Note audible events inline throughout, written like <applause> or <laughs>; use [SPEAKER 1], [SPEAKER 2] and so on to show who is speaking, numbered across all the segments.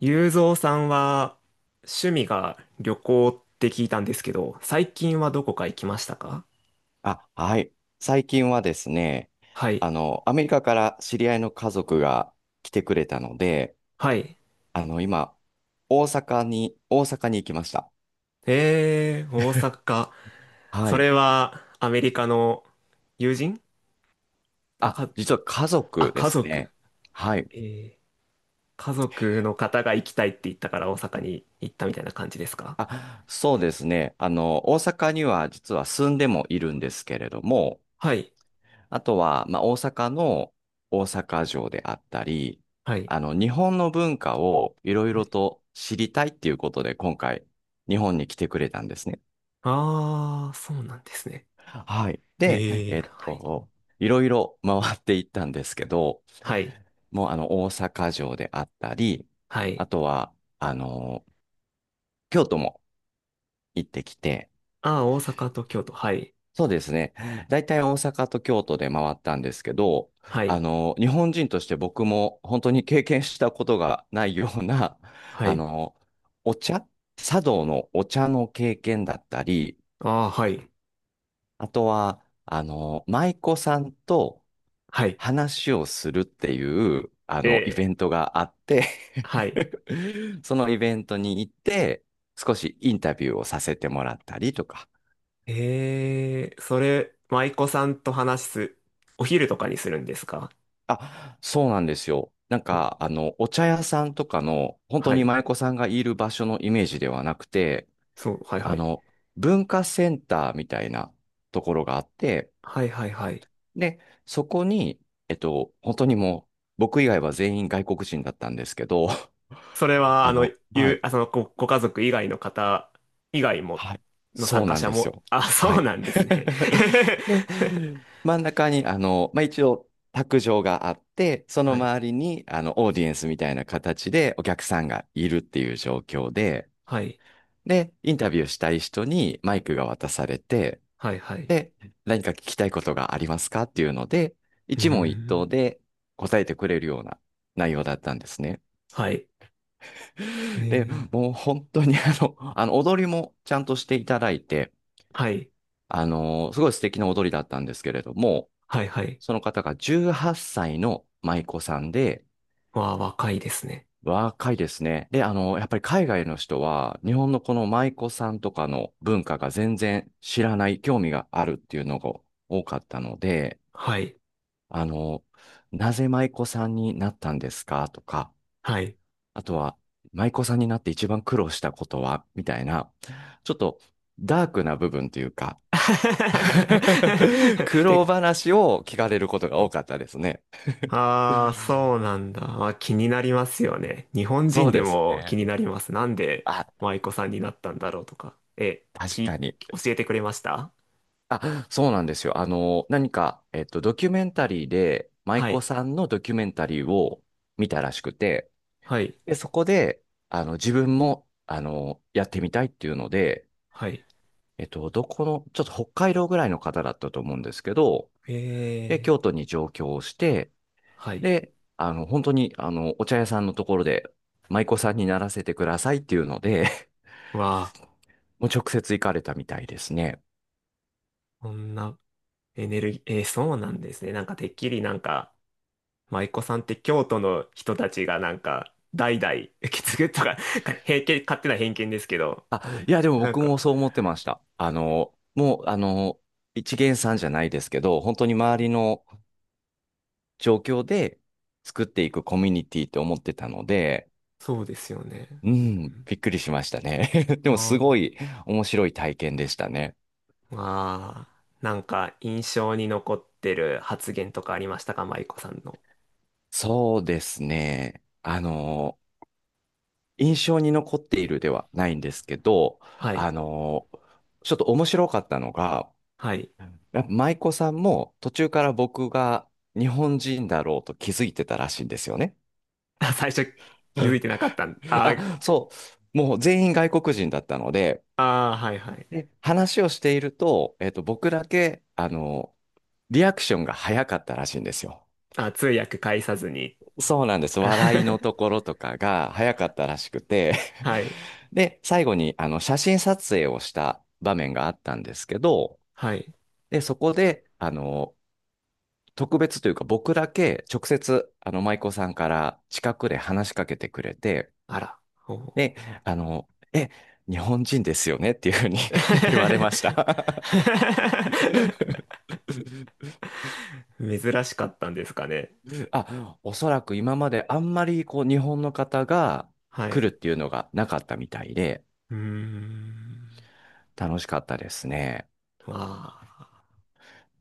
[SPEAKER 1] ゆうぞうさんは趣味が旅行って聞いたんですけど、最近はどこか行きましたか？
[SPEAKER 2] あ、はい。最近はですね、
[SPEAKER 1] はい。
[SPEAKER 2] アメリカから知り合いの家族が来てくれたので、
[SPEAKER 1] はい。
[SPEAKER 2] 今、大阪に行きました。
[SPEAKER 1] えー、大阪。
[SPEAKER 2] は
[SPEAKER 1] そ
[SPEAKER 2] い。
[SPEAKER 1] れはアメリカの友人？あ、
[SPEAKER 2] あ、実は家族で
[SPEAKER 1] 家
[SPEAKER 2] す
[SPEAKER 1] 族。
[SPEAKER 2] ね。はい。
[SPEAKER 1] えー、家族の方が行きたいって言ったから大阪に行ったみたいな感じですか？
[SPEAKER 2] あ、そうですね。大阪には実は住んでもいるんですけれども、
[SPEAKER 1] はい。
[SPEAKER 2] あとは、まあ、大阪の大阪城であったり、
[SPEAKER 1] はい。
[SPEAKER 2] 日本の文化をいろい
[SPEAKER 1] は
[SPEAKER 2] ろ
[SPEAKER 1] い。
[SPEAKER 2] と知りたいっていうことで、今回、日本に来てくれたんですね。
[SPEAKER 1] あー、そうなんですね。
[SPEAKER 2] はい。
[SPEAKER 1] え
[SPEAKER 2] で、はい。
[SPEAKER 1] はい。
[SPEAKER 2] いろいろ回っていったんですけど、
[SPEAKER 1] はい。
[SPEAKER 2] もう大阪城であったり、
[SPEAKER 1] はい。
[SPEAKER 2] あとは、京都も行ってきて、
[SPEAKER 1] あー、大阪と京都。はい。
[SPEAKER 2] そうですね。大体大阪と京都で回ったんですけど、
[SPEAKER 1] はい。
[SPEAKER 2] 日本人として僕も本当に経験したことがないような、
[SPEAKER 1] は
[SPEAKER 2] あ
[SPEAKER 1] い。
[SPEAKER 2] の、お茶、茶道のお茶の経験だったり、
[SPEAKER 1] あー、はい。
[SPEAKER 2] あとは、舞妓さんと、
[SPEAKER 1] はい。
[SPEAKER 2] 話をするっていう、イベ
[SPEAKER 1] え
[SPEAKER 2] ントがあって
[SPEAKER 1] はい。
[SPEAKER 2] <laughs> そのイベントに行って、少しインタビューをさせてもらったりとか。
[SPEAKER 1] えー、それ、舞妓さんと話す、お昼とかにするんですか？
[SPEAKER 2] あ、そうなんですよ。
[SPEAKER 1] お
[SPEAKER 2] お茶屋さんとかの、本当
[SPEAKER 1] は
[SPEAKER 2] に
[SPEAKER 1] い。
[SPEAKER 2] 舞妓さんがいる場所のイメージではなくて、
[SPEAKER 1] そう、はいは
[SPEAKER 2] あ
[SPEAKER 1] い。
[SPEAKER 2] の、文化センターみたいなところがあって、
[SPEAKER 1] はいはいはい。
[SPEAKER 2] で、そこに、本当にもう、僕以外は全員外国人だったんですけど、
[SPEAKER 1] それ
[SPEAKER 2] <laughs>
[SPEAKER 1] は、あの、
[SPEAKER 2] は
[SPEAKER 1] ゆう、
[SPEAKER 2] い
[SPEAKER 1] あ、その、ご、ご家族以外の方以外も、
[SPEAKER 2] はい。
[SPEAKER 1] の参
[SPEAKER 2] そう
[SPEAKER 1] 加
[SPEAKER 2] なん
[SPEAKER 1] 者
[SPEAKER 2] です
[SPEAKER 1] も、
[SPEAKER 2] よ。
[SPEAKER 1] あ、<laughs>
[SPEAKER 2] は
[SPEAKER 1] そう
[SPEAKER 2] い。
[SPEAKER 1] なんですね。
[SPEAKER 2] <laughs> で、
[SPEAKER 1] <laughs>
[SPEAKER 2] 真ん中に、まあ、一応、卓上があって、その
[SPEAKER 1] はい。
[SPEAKER 2] 周りに、オーディエンスみたいな形でお客さんがいるっていう状況で、
[SPEAKER 1] はい。
[SPEAKER 2] で、インタビューしたい人にマイクが渡されて、
[SPEAKER 1] はいはい。
[SPEAKER 2] で、何か聞きたいことがありますかっていうので、
[SPEAKER 1] うー
[SPEAKER 2] 一問一答
[SPEAKER 1] ん。
[SPEAKER 2] で答えてくれるような内容だったんですね。
[SPEAKER 1] はい。え
[SPEAKER 2] で、
[SPEAKER 1] ー、
[SPEAKER 2] もう本当に踊りもちゃんとしていただいて、
[SPEAKER 1] はい。
[SPEAKER 2] すごい素敵な踊りだったんですけれども、
[SPEAKER 1] はいはい。
[SPEAKER 2] その方が18歳の舞妓さんで、
[SPEAKER 1] わあ、若いですね。
[SPEAKER 2] 若いですね。で、やっぱり海外の人は、日本のこの舞妓さんとかの文化が全然知らない、興味があるっていうのが多かったので、
[SPEAKER 1] はい。
[SPEAKER 2] あのーなぜ舞妓さんになったんですかとか、
[SPEAKER 1] はい。
[SPEAKER 2] あとは、舞妓さんになって一番苦労したことはみたいな、ちょっとダークな部分というか、<laughs> 苦
[SPEAKER 1] <laughs>
[SPEAKER 2] 労
[SPEAKER 1] 結構。
[SPEAKER 2] 話を聞かれることが多かったですね。
[SPEAKER 1] ああ、そうなんだ。あ、気になりますよね。日本
[SPEAKER 2] そ
[SPEAKER 1] 人
[SPEAKER 2] う
[SPEAKER 1] で
[SPEAKER 2] です
[SPEAKER 1] も気
[SPEAKER 2] ね。
[SPEAKER 1] になります。なんで
[SPEAKER 2] あ、
[SPEAKER 1] 舞妓さんになったんだろうとか。
[SPEAKER 2] 確かに。
[SPEAKER 1] 教えてくれました？
[SPEAKER 2] あ、そうなんですよ。何か、ドキュメンタリーで、舞
[SPEAKER 1] は
[SPEAKER 2] 妓
[SPEAKER 1] い。
[SPEAKER 2] さんのドキュメンタリーを見たらしくて、
[SPEAKER 1] はい。
[SPEAKER 2] で、そこで、自分も、やってみたいっていうので、
[SPEAKER 1] はい。
[SPEAKER 2] えっと、どこの、ちょっと北海道ぐらいの方だったと思うんですけど、で、
[SPEAKER 1] え
[SPEAKER 2] 京都
[SPEAKER 1] ー。
[SPEAKER 2] に上京をして、
[SPEAKER 1] はい。
[SPEAKER 2] で、本当に、お茶屋さんのところで、舞妓さんにならせてくださいっていうので、<laughs>
[SPEAKER 1] わあ、
[SPEAKER 2] もう直接行かれたみたいですね。
[SPEAKER 1] こんなエネルギー、えー、そうなんですね。なんかてっきりなんか、舞妓さんって京都の人たちがなんか、代々受け継ぐとか、<laughs> 偏見、勝手な偏見ですけど、
[SPEAKER 2] あ、いや、でも
[SPEAKER 1] なん
[SPEAKER 2] 僕
[SPEAKER 1] か、
[SPEAKER 2] もそう思ってました。もう、一見さんじゃないですけど、本当に
[SPEAKER 1] は
[SPEAKER 2] 周
[SPEAKER 1] い、
[SPEAKER 2] りの状況で作っていくコミュニティって思ってたので、
[SPEAKER 1] そうですよね。
[SPEAKER 2] う
[SPEAKER 1] う
[SPEAKER 2] ん、
[SPEAKER 1] ん。
[SPEAKER 2] びっくりしましたね。<laughs> で
[SPEAKER 1] あ
[SPEAKER 2] も、すごい
[SPEAKER 1] あ。
[SPEAKER 2] 面白い体験でしたね。
[SPEAKER 1] まあ、なんか印象に残ってる発言とかありましたか、舞子さんの？
[SPEAKER 2] そうですね。印象に残っているではないんですけど、
[SPEAKER 1] は
[SPEAKER 2] あ
[SPEAKER 1] い。
[SPEAKER 2] のーちょっと面白かったのが、
[SPEAKER 1] はい。
[SPEAKER 2] やっぱ舞妓さんも途中から僕が日本人だろうと気づいてたらしいんですよね。
[SPEAKER 1] <laughs> あ、最初気づいてなかったん？
[SPEAKER 2] <laughs>
[SPEAKER 1] あ
[SPEAKER 2] あ、そう。もう全員外国人だったので、
[SPEAKER 1] あー、はいはい。
[SPEAKER 2] で、話をしていると、僕だけ、リアクションが早かったらしいんですよ。
[SPEAKER 1] あ、通訳介さずに。
[SPEAKER 2] そうなんです。
[SPEAKER 1] あ
[SPEAKER 2] 笑いの
[SPEAKER 1] <laughs>
[SPEAKER 2] ところとかが早かったらしくて <laughs>
[SPEAKER 1] はい。
[SPEAKER 2] で、最後にあの写真撮影をした場面があったんですけど、
[SPEAKER 1] はい。
[SPEAKER 2] で、そこで、特別というか僕だけ直接、舞妓さんから近くで話しかけてくれて、
[SPEAKER 1] あら。おう
[SPEAKER 2] で、あの、え、日本人ですよねっていうふうに <laughs> 言われ
[SPEAKER 1] <laughs>
[SPEAKER 2] ました <laughs>
[SPEAKER 1] 珍しかったんですかね。
[SPEAKER 2] あ、おそらく今まであんまりこう日本の方が
[SPEAKER 1] は
[SPEAKER 2] 来
[SPEAKER 1] い。
[SPEAKER 2] るっていうのがなかったみたいで、
[SPEAKER 1] うーん。
[SPEAKER 2] 楽しかったですね。
[SPEAKER 1] まあ、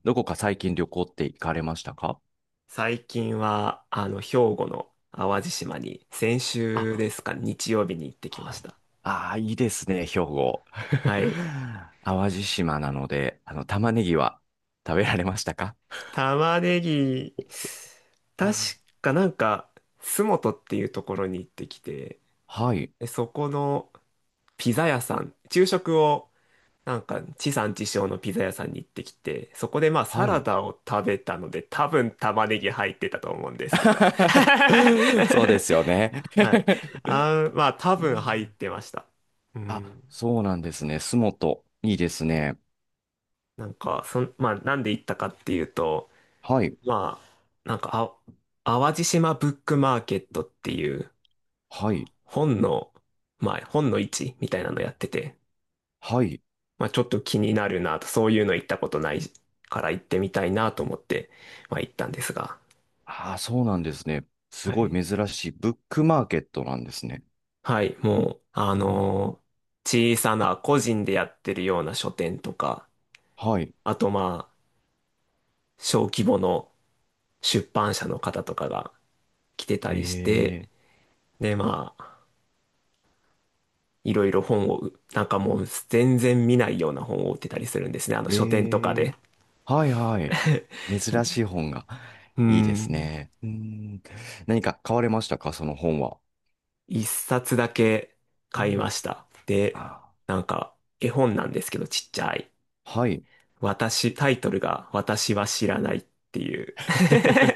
[SPEAKER 2] どこか最近旅行って行かれましたか？
[SPEAKER 1] 最近は、兵庫の淡路島に、先週で
[SPEAKER 2] あ、
[SPEAKER 1] すか、日曜日に行ってきま
[SPEAKER 2] は
[SPEAKER 1] し
[SPEAKER 2] い。
[SPEAKER 1] た。
[SPEAKER 2] ああ、いいですね、兵庫。
[SPEAKER 1] はい。
[SPEAKER 2] <laughs> 淡路島なので、玉ねぎは食べられましたか？
[SPEAKER 1] 玉ねぎ、確かなんか、洲本っていうところに行ってきて、
[SPEAKER 2] はい、
[SPEAKER 1] でそこのピザ屋さん、昼食を、なんか、地産地消のピザ屋さんに行ってきて、そこでまあサ
[SPEAKER 2] は
[SPEAKER 1] ラ
[SPEAKER 2] い。
[SPEAKER 1] ダを食べたので、多分玉ねぎ入ってたと思うんですけど。
[SPEAKER 2] <laughs> そうですよね。
[SPEAKER 1] <laughs> はい。
[SPEAKER 2] <laughs>
[SPEAKER 1] あー、まあ多
[SPEAKER 2] う
[SPEAKER 1] 分入っ
[SPEAKER 2] ん。
[SPEAKER 1] てました。うん。
[SPEAKER 2] あ、そうなんですね。洲本。いいですね。
[SPEAKER 1] なんか、まあなんで行ったかっていうと、
[SPEAKER 2] はい、
[SPEAKER 1] まあ、なんか、あ、淡路島ブックマーケットっていう
[SPEAKER 2] はい、
[SPEAKER 1] 本の、まあ、本の市みたいなのやってて、
[SPEAKER 2] はい。
[SPEAKER 1] まあ、ちょっと気になるなと、そういうの行ったことないから行ってみたいなと思って、まあ、行ったんですが、
[SPEAKER 2] ああ、そうなんですね。す
[SPEAKER 1] は
[SPEAKER 2] ご
[SPEAKER 1] い。
[SPEAKER 2] い珍しい。ブックマーケットなんですね。
[SPEAKER 1] はい、もう、
[SPEAKER 2] うん。
[SPEAKER 1] 小さな個人でやってるような書店とか、
[SPEAKER 2] はい。
[SPEAKER 1] あとまあ、小規模の出版社の方とかが来てたりして、
[SPEAKER 2] え
[SPEAKER 1] で、まあ、いろいろ本を、なんかもう全然見ないような本を売ってたりするんですね。あの書店とか
[SPEAKER 2] え
[SPEAKER 1] で。
[SPEAKER 2] え。はいはい。珍しい本が。
[SPEAKER 1] う
[SPEAKER 2] いいです
[SPEAKER 1] ん。
[SPEAKER 2] ね。うん。何か買われましたか、その本は？
[SPEAKER 1] 一冊だけ
[SPEAKER 2] う
[SPEAKER 1] 買いま
[SPEAKER 2] ん。
[SPEAKER 1] した。で、
[SPEAKER 2] あ、
[SPEAKER 1] なんか絵本なんですけどちっちゃい。
[SPEAKER 2] はい。
[SPEAKER 1] 私、タイトルが私は知らないっていう。<laughs>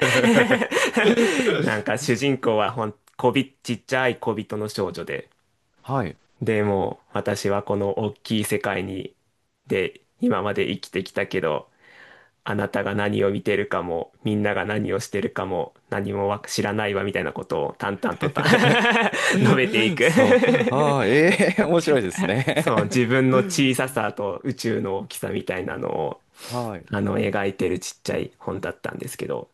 [SPEAKER 1] なんか 主人公はほん、こび、ちっちゃい小人の少女で。
[SPEAKER 2] はい。
[SPEAKER 1] でもう私はこの大きい世界に、で、今まで生きてきたけど、あなたが何を見てるかも、みんなが何をしてるかも、何もわ知らないわみたいなことを淡々とた <laughs> 述べてい
[SPEAKER 2] <laughs>
[SPEAKER 1] く
[SPEAKER 2] そう。ああ、ええ、面白いです
[SPEAKER 1] <laughs> そう、
[SPEAKER 2] ね。
[SPEAKER 1] 自分の小ささと宇宙の大きさみたいなのを、
[SPEAKER 2] <laughs> はい。
[SPEAKER 1] 描いてるちっちゃい本だったんですけど。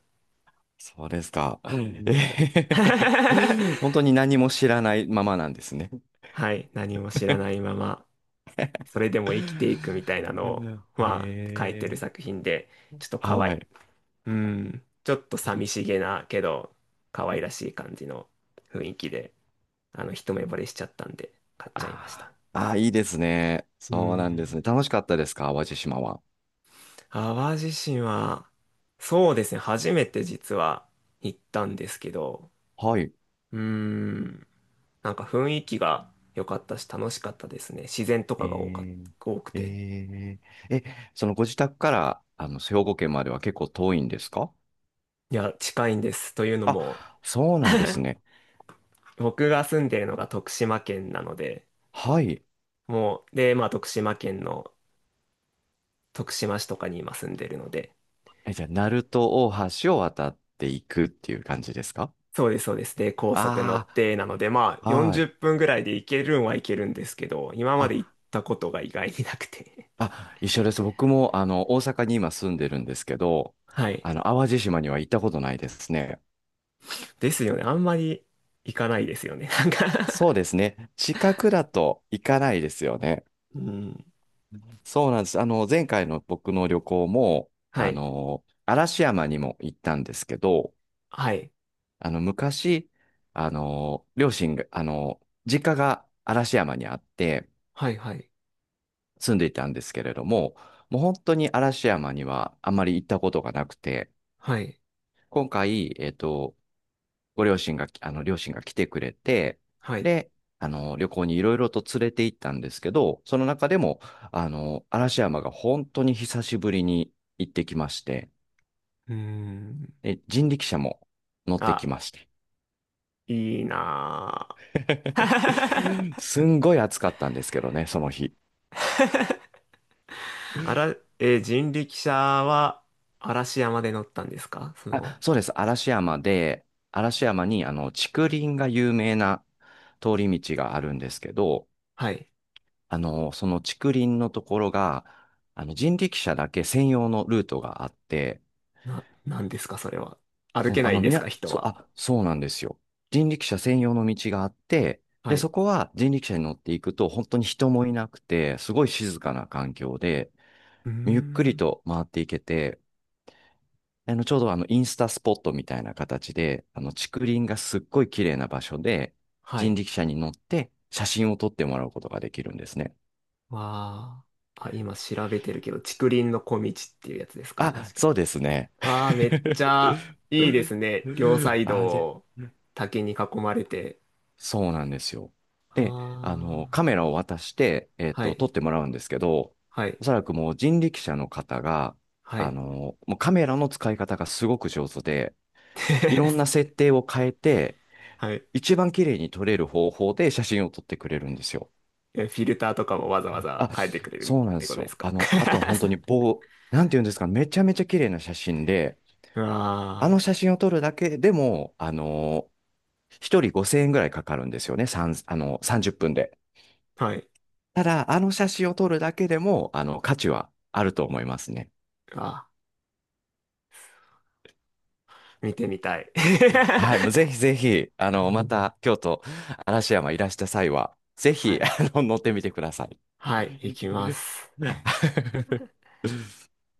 [SPEAKER 2] そうですか。う
[SPEAKER 1] う
[SPEAKER 2] ん。
[SPEAKER 1] ん
[SPEAKER 2] え
[SPEAKER 1] <laughs>
[SPEAKER 2] ー。 <laughs> 本当に何も知らないままなんですね。
[SPEAKER 1] はい、何も知らないまま、それでも生きていくみ
[SPEAKER 2] <laughs>
[SPEAKER 1] たいなの
[SPEAKER 2] う
[SPEAKER 1] を、
[SPEAKER 2] ん。
[SPEAKER 1] まあ、書いて
[SPEAKER 2] え
[SPEAKER 1] る
[SPEAKER 2] え。
[SPEAKER 1] 作品で、ちょっとかわ
[SPEAKER 2] は
[SPEAKER 1] い、
[SPEAKER 2] い。
[SPEAKER 1] うん、ちょっと寂しげなけど可愛らしい感じの雰囲気で、一目惚れしちゃったんで買っちゃいました。
[SPEAKER 2] あーあー、いいですね。
[SPEAKER 1] う
[SPEAKER 2] そうなんです
[SPEAKER 1] ん。
[SPEAKER 2] ね。楽しかったですか、淡路島は？
[SPEAKER 1] 淡路島は、そうですね、初めて実は行ったんですけど、
[SPEAKER 2] はい。
[SPEAKER 1] うーん、なんか雰囲気が良かったし楽しかったですね。自然と
[SPEAKER 2] え
[SPEAKER 1] かが
[SPEAKER 2] ー、
[SPEAKER 1] 多くて。
[SPEAKER 2] えー、え、そのご自宅から、兵庫県までは結構遠いんですか？
[SPEAKER 1] いや、近いんです。というのも、
[SPEAKER 2] あ、そうなんですね。
[SPEAKER 1] 僕が住んでるのが徳島県なので、
[SPEAKER 2] はい。
[SPEAKER 1] もう、で、まあ徳島県の徳島市とかに今住んでるので、
[SPEAKER 2] え、じゃあ、鳴門大橋を渡っていくっていう感じですか？
[SPEAKER 1] そうです、そうです。で、高速乗
[SPEAKER 2] あ
[SPEAKER 1] って、なので、まあ、
[SPEAKER 2] あ、は
[SPEAKER 1] 40
[SPEAKER 2] い。
[SPEAKER 1] 分ぐらいで行けるんは行けるんですけど、今まで行っ
[SPEAKER 2] あ、
[SPEAKER 1] たことが意外になくて。
[SPEAKER 2] あ、一緒です。僕も、大阪に今住んでるんですけど、
[SPEAKER 1] <laughs> はい。
[SPEAKER 2] 淡路島には行ったことないですね。
[SPEAKER 1] ですよね。あんまり行かないですよね。<laughs> なんか
[SPEAKER 2] そうですね。近くだと行かないですよね。
[SPEAKER 1] <laughs> うん。
[SPEAKER 2] そうなんです。前回の僕の旅行も、
[SPEAKER 1] はい。
[SPEAKER 2] 嵐山にも行ったんですけど、
[SPEAKER 1] はい。
[SPEAKER 2] 昔、両親が、実家が嵐山にあって
[SPEAKER 1] はい、はい。
[SPEAKER 2] 住んでいたんですけれども、もう本当に嵐山にはあまり行ったことがなくて、
[SPEAKER 1] はい。
[SPEAKER 2] 今回、えっと、ご両親があの、両親が来てくれて、
[SPEAKER 1] はい。
[SPEAKER 2] で、旅行にいろいろと連れて行ったんですけど、その中でも、嵐山が本当に久しぶりに行ってきまして、
[SPEAKER 1] うーん。
[SPEAKER 2] で、人力車も乗ってき
[SPEAKER 1] あ、
[SPEAKER 2] まして。
[SPEAKER 1] いいなぁ。<laughs>
[SPEAKER 2] <laughs> すんごい暑かったんですけどね、その日。
[SPEAKER 1] あら、人力車は嵐山で乗ったんですか？その、
[SPEAKER 2] あ、そうです。嵐山に、竹林が有名な通り道があるんですけど、
[SPEAKER 1] はい。
[SPEAKER 2] その竹林のところが、人力車だけ専用のルートがあって、
[SPEAKER 1] なんですか、それは？歩
[SPEAKER 2] そう、
[SPEAKER 1] けないんですか、人
[SPEAKER 2] そう、
[SPEAKER 1] は？
[SPEAKER 2] あ、そうなんですよ。人力車専用の道があって、
[SPEAKER 1] は
[SPEAKER 2] で、そ
[SPEAKER 1] い。
[SPEAKER 2] こは人力車に乗っていくと、本当に人もいなくて、すごい静かな環境で、
[SPEAKER 1] うー
[SPEAKER 2] ゆっくり
[SPEAKER 1] ん。
[SPEAKER 2] と回っていけて、ちょうどインスタスポットみたいな形で、竹林がすっごい綺麗な場所で、
[SPEAKER 1] は
[SPEAKER 2] 人
[SPEAKER 1] い。
[SPEAKER 2] 力車に乗って写真を撮ってもらうことができるんですね。
[SPEAKER 1] まあ、あ、今調べてるけど、竹林の小道っていうやつですか、もし
[SPEAKER 2] あ、
[SPEAKER 1] か？
[SPEAKER 2] そうですね。
[SPEAKER 1] ああ、めっちゃいいですね。両サ
[SPEAKER 2] <laughs>
[SPEAKER 1] イ
[SPEAKER 2] あれ、
[SPEAKER 1] ド、竹に囲まれて。
[SPEAKER 2] そうなんですよ。
[SPEAKER 1] あ
[SPEAKER 2] で、カ
[SPEAKER 1] あ、
[SPEAKER 2] メラを渡して、
[SPEAKER 1] は
[SPEAKER 2] 撮っ
[SPEAKER 1] い、
[SPEAKER 2] てもらうんですけど、
[SPEAKER 1] はい、
[SPEAKER 2] おそらくもう人力車の方が、
[SPEAKER 1] はい。
[SPEAKER 2] もうカメラの使い方がすごく上手で、いろんな
[SPEAKER 1] <laughs>
[SPEAKER 2] 設定を変えて、
[SPEAKER 1] はい。
[SPEAKER 2] 一番綺麗に撮れる方法で写真を撮ってくれるんですよ。
[SPEAKER 1] えフィルターとかもわざわざ
[SPEAKER 2] あ、
[SPEAKER 1] 変えてくれる
[SPEAKER 2] そうなん
[SPEAKER 1] っ
[SPEAKER 2] で
[SPEAKER 1] てこ
[SPEAKER 2] す
[SPEAKER 1] とで
[SPEAKER 2] よ。
[SPEAKER 1] すか？
[SPEAKER 2] あの、あとは本当に
[SPEAKER 1] <laughs>
[SPEAKER 2] 棒、なんていうんですか、めちゃめちゃ綺麗な写真で、
[SPEAKER 1] う
[SPEAKER 2] あの
[SPEAKER 1] わ
[SPEAKER 2] 写真を撮るだけでも、一人5000円ぐらいかかるんですよね。三あの、30分で。
[SPEAKER 1] あ、はい。
[SPEAKER 2] ただ、あの写真を撮るだけでも、価値はあると思いますね。
[SPEAKER 1] あー、見てみたい。
[SPEAKER 2] はい。もうぜ
[SPEAKER 1] <laughs>
[SPEAKER 2] ひぜひ、また、京都、嵐山いらした際は、ぜ
[SPEAKER 1] は
[SPEAKER 2] ひ、
[SPEAKER 1] い。
[SPEAKER 2] 乗ってみてください。
[SPEAKER 1] はい、行きます。
[SPEAKER 2] <laughs>